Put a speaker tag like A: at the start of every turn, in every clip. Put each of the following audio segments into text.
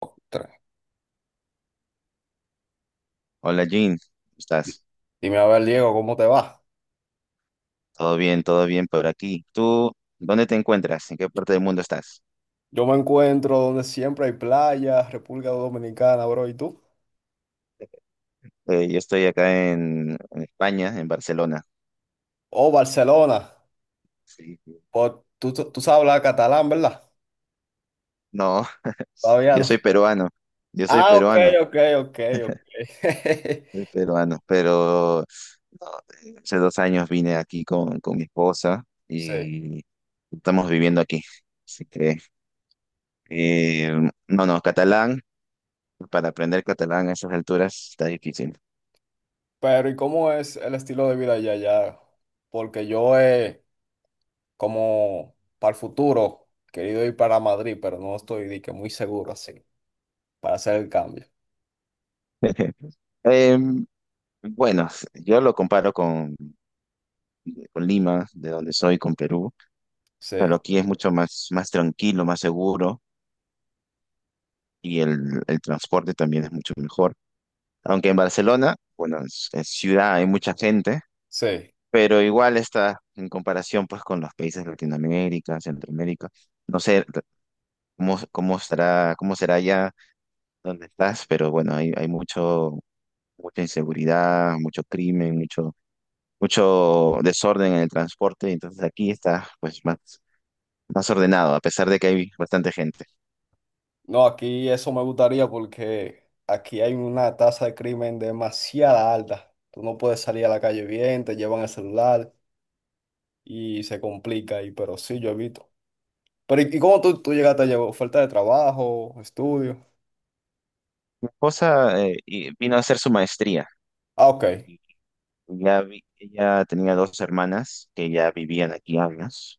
A: Ostras.
B: Hola Jean, ¿cómo estás?
A: Dime a ver, Diego, ¿cómo te va?
B: Todo bien por aquí. ¿Tú dónde te encuentras? ¿En qué parte del mundo estás?
A: Yo me encuentro donde siempre hay playas, República Dominicana, bro, ¿y tú?
B: Yo estoy acá en España, en Barcelona.
A: Oh, Barcelona.
B: Sí, sí.
A: Oh, tú sabes hablar catalán, ¿verdad?
B: No,
A: Todavía
B: yo
A: no.
B: soy peruano, yo soy
A: Ah, ok,
B: peruano,
A: ok, ok, ok.
B: pero no, hace dos años vine aquí con mi esposa
A: Sí.
B: y estamos viviendo aquí. Así que, eh, no, no, catalán, para aprender catalán a esas alturas está difícil.
A: Pero ¿y cómo es el estilo de vida allá? Porque yo he, como para el futuro, querido ir para Madrid, pero no estoy de que muy seguro así, para hacer el cambio.
B: Em, Bueno, yo lo comparo con Lima, de donde soy, con Perú, pero
A: Sí,
B: aquí es mucho más, más tranquilo, más seguro y el transporte también es mucho mejor. Aunque en Barcelona, bueno, es ciudad, hay mucha gente,
A: sí.
B: pero igual está en comparación pues con los países de Latinoamérica, Centroamérica. No sé cómo estará, cómo será allá donde estás, pero bueno, hay mucho, mucha inseguridad, mucho crimen, mucho desorden en el transporte, entonces aquí está pues más ordenado, a pesar de que hay bastante gente.
A: No, aquí eso me gustaría porque aquí hay una tasa de crimen demasiada alta. Tú no puedes salir a la calle bien, te llevan el celular y se complica ahí, pero sí, yo evito. Pero ¿y cómo tú llegaste a llevar? ¿Falta de trabajo, estudio?
B: Mi esposa vino a hacer su maestría
A: Ah, ok,
B: y ella tenía dos hermanas que ya vivían aquí años,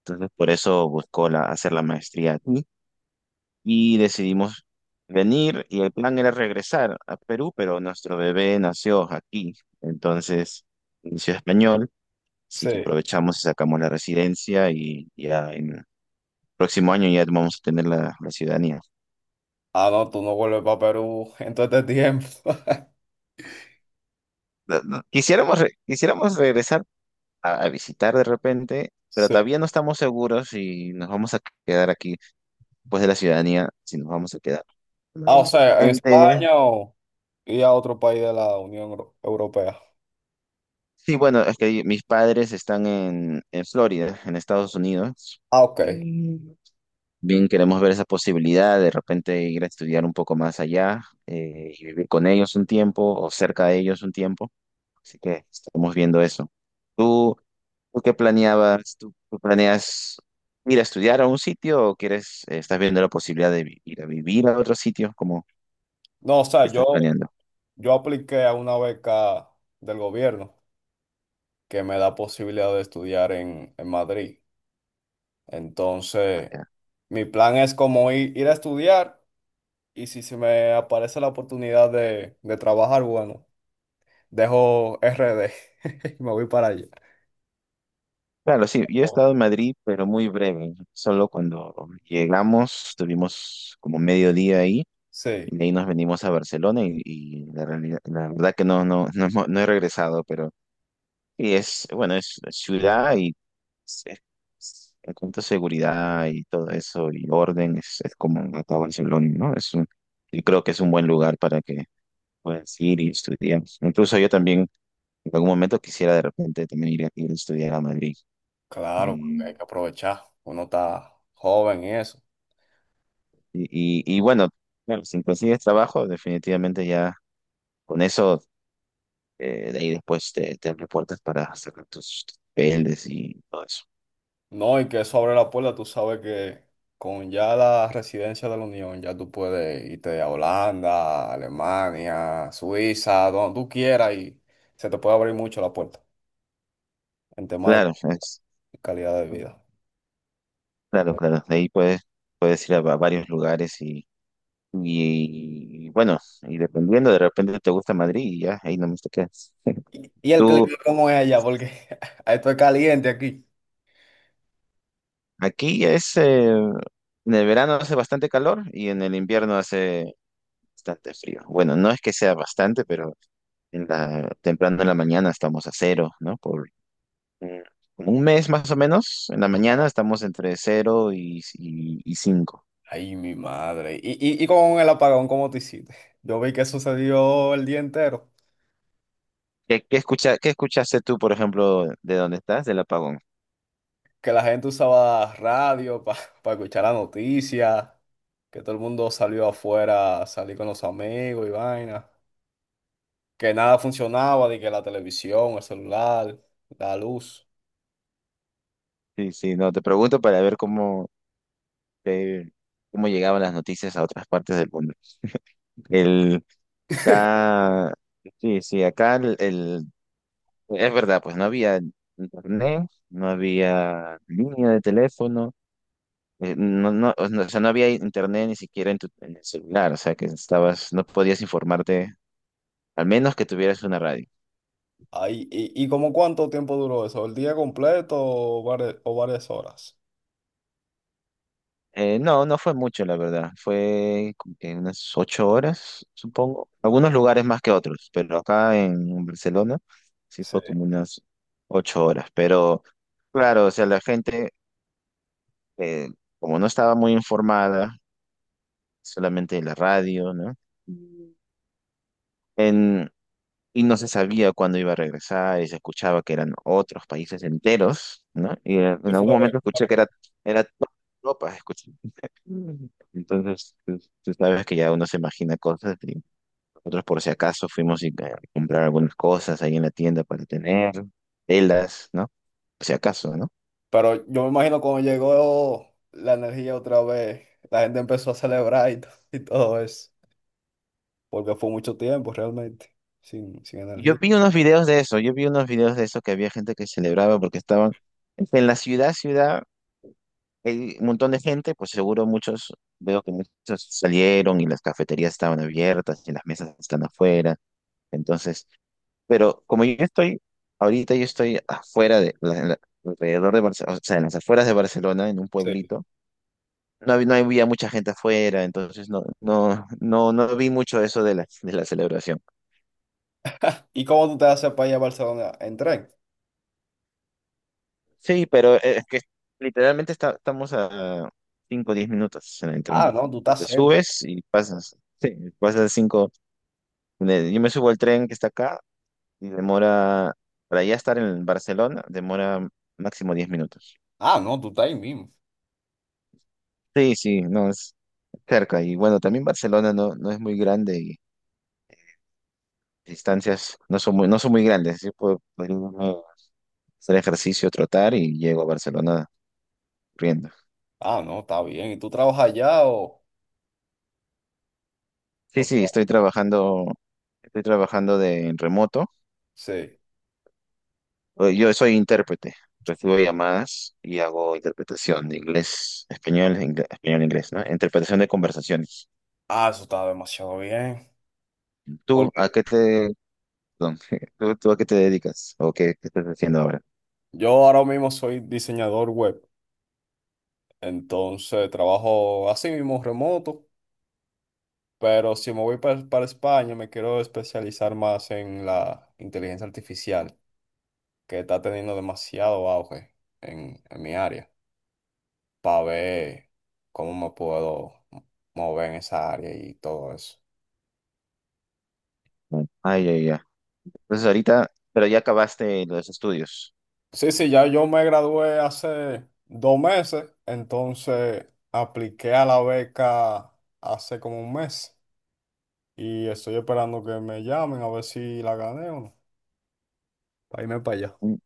B: entonces por eso buscó la, hacer la maestría aquí y decidimos venir y el plan era regresar a Perú, pero nuestro bebé nació aquí, entonces inició español, así
A: sí.
B: que aprovechamos y sacamos la residencia y ya en el próximo año ya vamos a tener la ciudadanía.
A: Ah, no, tú no vuelves para Perú en todo este tiempo.
B: No, no, quisiéramos, quisiéramos regresar a visitar de repente, pero
A: Sí.
B: todavía no estamos seguros si nos vamos a quedar aquí después de la ciudadanía, si nos vamos a quedar
A: Ah, o
B: permanente,
A: sea, en
B: permanente.
A: España o y a otro país de la Unión Europea.
B: Sí, bueno, es que mis padres están en Florida, en Estados Unidos.
A: Ah, ok.
B: Y bien, queremos ver esa posibilidad de repente ir a estudiar un poco más allá, y vivir con ellos un tiempo o cerca de ellos un tiempo. Así que estamos viendo eso. ¿Tú, ¿Tú qué planeabas? ¿Tú, planeas ir a estudiar a un sitio o quieres, estás viendo la posibilidad de ir a vivir a otro sitio? ¿Cómo
A: No, o sea, yo,
B: estás planeando
A: yo apliqué a una beca del gobierno que me da posibilidad de estudiar en Madrid. Entonces,
B: allá?
A: mi plan es como ir a estudiar, y si se me aparece la oportunidad de trabajar, bueno, dejo RD y me voy para allá.
B: Claro, sí, yo he estado en Madrid, pero muy breve. Solo cuando llegamos, estuvimos como medio día ahí
A: Sí,
B: y de ahí nos venimos a Barcelona y la verdad que no, no, no, no he regresado, pero sí, bueno, es ciudad. Sí. En cuanto a seguridad y todo eso y orden, es como acá Barcelona, ¿no? Yo creo que es un buen lugar para que puedas ir y estudiar. Incluso yo también en algún momento quisiera de repente también ir a estudiar a Madrid.
A: claro, porque hay
B: Eh,
A: que aprovechar. Uno está joven y eso.
B: y, y bueno, claro, si consigues trabajo, definitivamente ya con eso, de ahí después te abre puertas para sacar tus papeles y todo eso.
A: No, y que eso abre la puerta, tú sabes que con ya la residencia de la Unión, ya tú puedes irte a Holanda, Alemania, Suiza, donde tú quieras, y se te puede abrir mucho la puerta en temas
B: Claro,
A: de
B: es,
A: calidad de vida.
B: claro, claro, de ahí puedes ir a varios lugares. Y, bueno, y dependiendo, de repente te gusta Madrid y ya, ahí nomás te quedas.
A: ¿Y el clima
B: Tú,
A: cómo es allá? Porque esto es caliente aquí.
B: aquí es, en el verano hace bastante calor y en el invierno hace bastante frío. Bueno, no es que sea bastante, pero temprano en la mañana estamos a cero, ¿no? Por eh, como un mes más o menos, en la mañana estamos entre cero y cinco.
A: Ay, mi madre. ¿Y con el apagón cómo te hiciste? Yo vi que sucedió el día entero,
B: ¿Qué escuchaste tú, por ejemplo, de dónde estás, del apagón?
A: que la gente usaba radio para escuchar la noticia, que todo el mundo salió afuera, salí con los amigos y vaina, que nada funcionaba, de que la televisión, el celular, la luz.
B: Sí, sí, no, te pregunto para ver cómo de cómo llegaban las noticias a otras partes del mundo. El, acá, sí, sí, acá es verdad, pues no había internet, no había línea de teléfono, o sea, no había internet ni siquiera en el celular, o sea, que estabas, no podías informarte, al menos que tuvieras una radio.
A: Ahí. ¿Y como cuánto tiempo duró eso? ¿El día completo o varias horas?
B: No fue mucho, la verdad. Fue como que unas ocho horas, supongo. Algunos lugares más que otros, pero acá en Barcelona sí
A: Sí,
B: fue como unas ocho horas. Pero claro, o sea, eh, como no estaba muy informada, solamente en la radio, ¿no? Mm. En, y no se sabía cuándo iba a regresar, y se escuchaba que eran otros países enteros, ¿no? Y
A: sí
B: en algún
A: fue,
B: momento escuché
A: bueno.
B: que era toda Europa. Mm. Entonces, tú, sabes que ya uno se imagina cosas y nosotros por si acaso fuimos a comprar algunas cosas ahí en la tienda para tener, telas, ¿no? Por si acaso, ¿no?
A: Pero yo me imagino cuando llegó la energía otra vez, la gente empezó a celebrar y, y todo eso, porque fue mucho tiempo realmente, sin
B: Y yo
A: energía.
B: vi unos videos de eso, que había gente que celebraba porque estaban en la ciudad, ciudad, hay un montón de gente, pues seguro muchos, veo que muchos salieron y las cafeterías estaban abiertas y las mesas están afuera. Entonces, pero como yo estoy, ahorita yo estoy afuera de, alrededor de Barcelona, o sea, en las afueras de Barcelona, en un
A: Sí.
B: pueblito. No, no había mucha gente afuera, entonces no vi mucho eso de de la celebración.
A: ¿Y cómo tú te haces para ir a Barcelona en tren?
B: Sí, pero es que literalmente estamos a 5 o 10 minutos en el
A: Ah,
B: tren.
A: no, tú estás
B: Te
A: cerca.
B: subes y pasas, sí, pasas 5, yo me subo al tren que está acá y demora, para ya estar en Barcelona, demora máximo 10 minutos.
A: Ah, no, tú estás ahí mismo.
B: Sí, sí, no, es cerca. Y bueno, también Barcelona no, no es muy grande y las distancias no son muy, no son muy grandes. Así puedo podría irme a hacer ejercicio, trotar y llego a Barcelona corriendo.
A: Ah, no, está bien. ¿Y tú trabajas allá o
B: Sí, sí, estoy trabajando, de en remoto.
A: Sí.
B: Yo soy intérprete. Recibo llamadas y hago interpretación de inglés, español, español, inglés, ¿no? Interpretación de conversaciones.
A: Ah, eso está demasiado bien.
B: ¿Tú
A: Porque
B: a qué te, perdón, ¿tú, a qué te dedicas? ¿O qué, qué estás haciendo ahora?
A: yo ahora mismo soy diseñador web. Entonces trabajo así mismo remoto. Pero si me voy para España, me quiero especializar más en la inteligencia artificial, que está teniendo demasiado auge en mi área, para ver cómo me puedo mover en esa área y todo eso.
B: Ay, ya, ya. Entonces ahorita, pero ya acabaste los estudios.
A: Sí, sí, ya yo me gradué hace 2 meses, entonces apliqué a la beca hace como un mes y estoy esperando que me llamen a ver si la gané o no, para irme para allá.
B: Mm,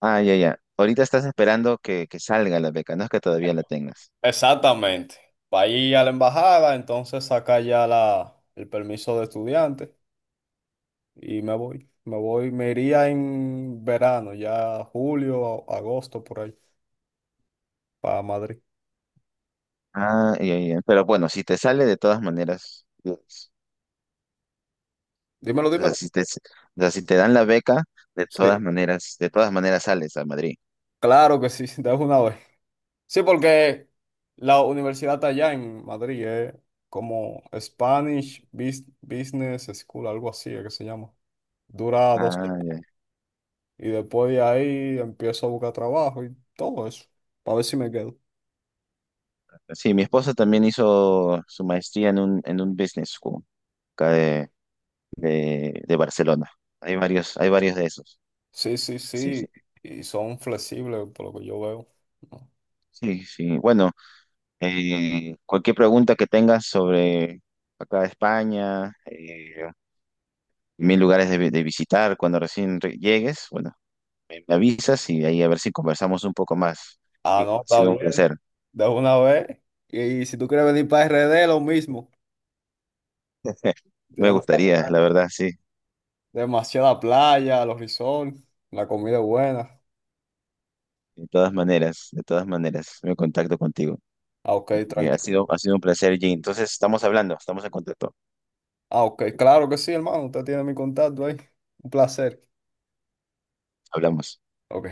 B: ah, ya, ya. Ahorita estás esperando que salga la beca, no es que todavía la tengas.
A: Exactamente, para ir a la embajada, entonces saca ya el permiso de estudiante y me iría en verano, ya julio, agosto, por ahí, para Madrid.
B: Ah, ya, ya. Pero bueno, si te sale de todas maneras,
A: Dímelo,
B: o sea,
A: dímelo.
B: o sea, si te dan la beca,
A: Sí,
B: de todas maneras sales a Madrid.
A: claro que sí, de una vez. Sí, porque la universidad está allá en Madrid, es como Spanish Business School, algo así es que se llama. Dura 2 años,
B: Ah, ya.
A: y después de ahí empiezo a buscar trabajo y todo eso, para ver si me quedo.
B: Sí, mi esposa también hizo su maestría en un business school acá de Barcelona. Hay varios de esos.
A: Sí, sí,
B: Sí, sí,
A: sí, y son flexibles por lo que yo veo. ¿No?
B: sí. Bueno, cualquier pregunta que tengas sobre acá España, mil lugares de, de visitar cuando recién llegues. Bueno, me avisas y ahí a ver si conversamos un poco más.
A: Ah,
B: Y ha
A: no, está
B: sido
A: bien,
B: un placer.
A: de una vez. Y si tú quieres venir para RD, lo mismo.
B: Me
A: Tenemos la
B: gustaría, la
A: playa,
B: verdad, sí.
A: demasiada playa, los resorts, la comida es buena.
B: De todas maneras, me contacto contigo.
A: Ah, ok,
B: Y ha
A: tranquilo.
B: sido, un placer, Jay. Entonces, estamos hablando, estamos en contacto.
A: Ah, ok, claro que sí, hermano. Usted tiene mi contacto ahí. Un placer.
B: Hablamos.
A: Ok.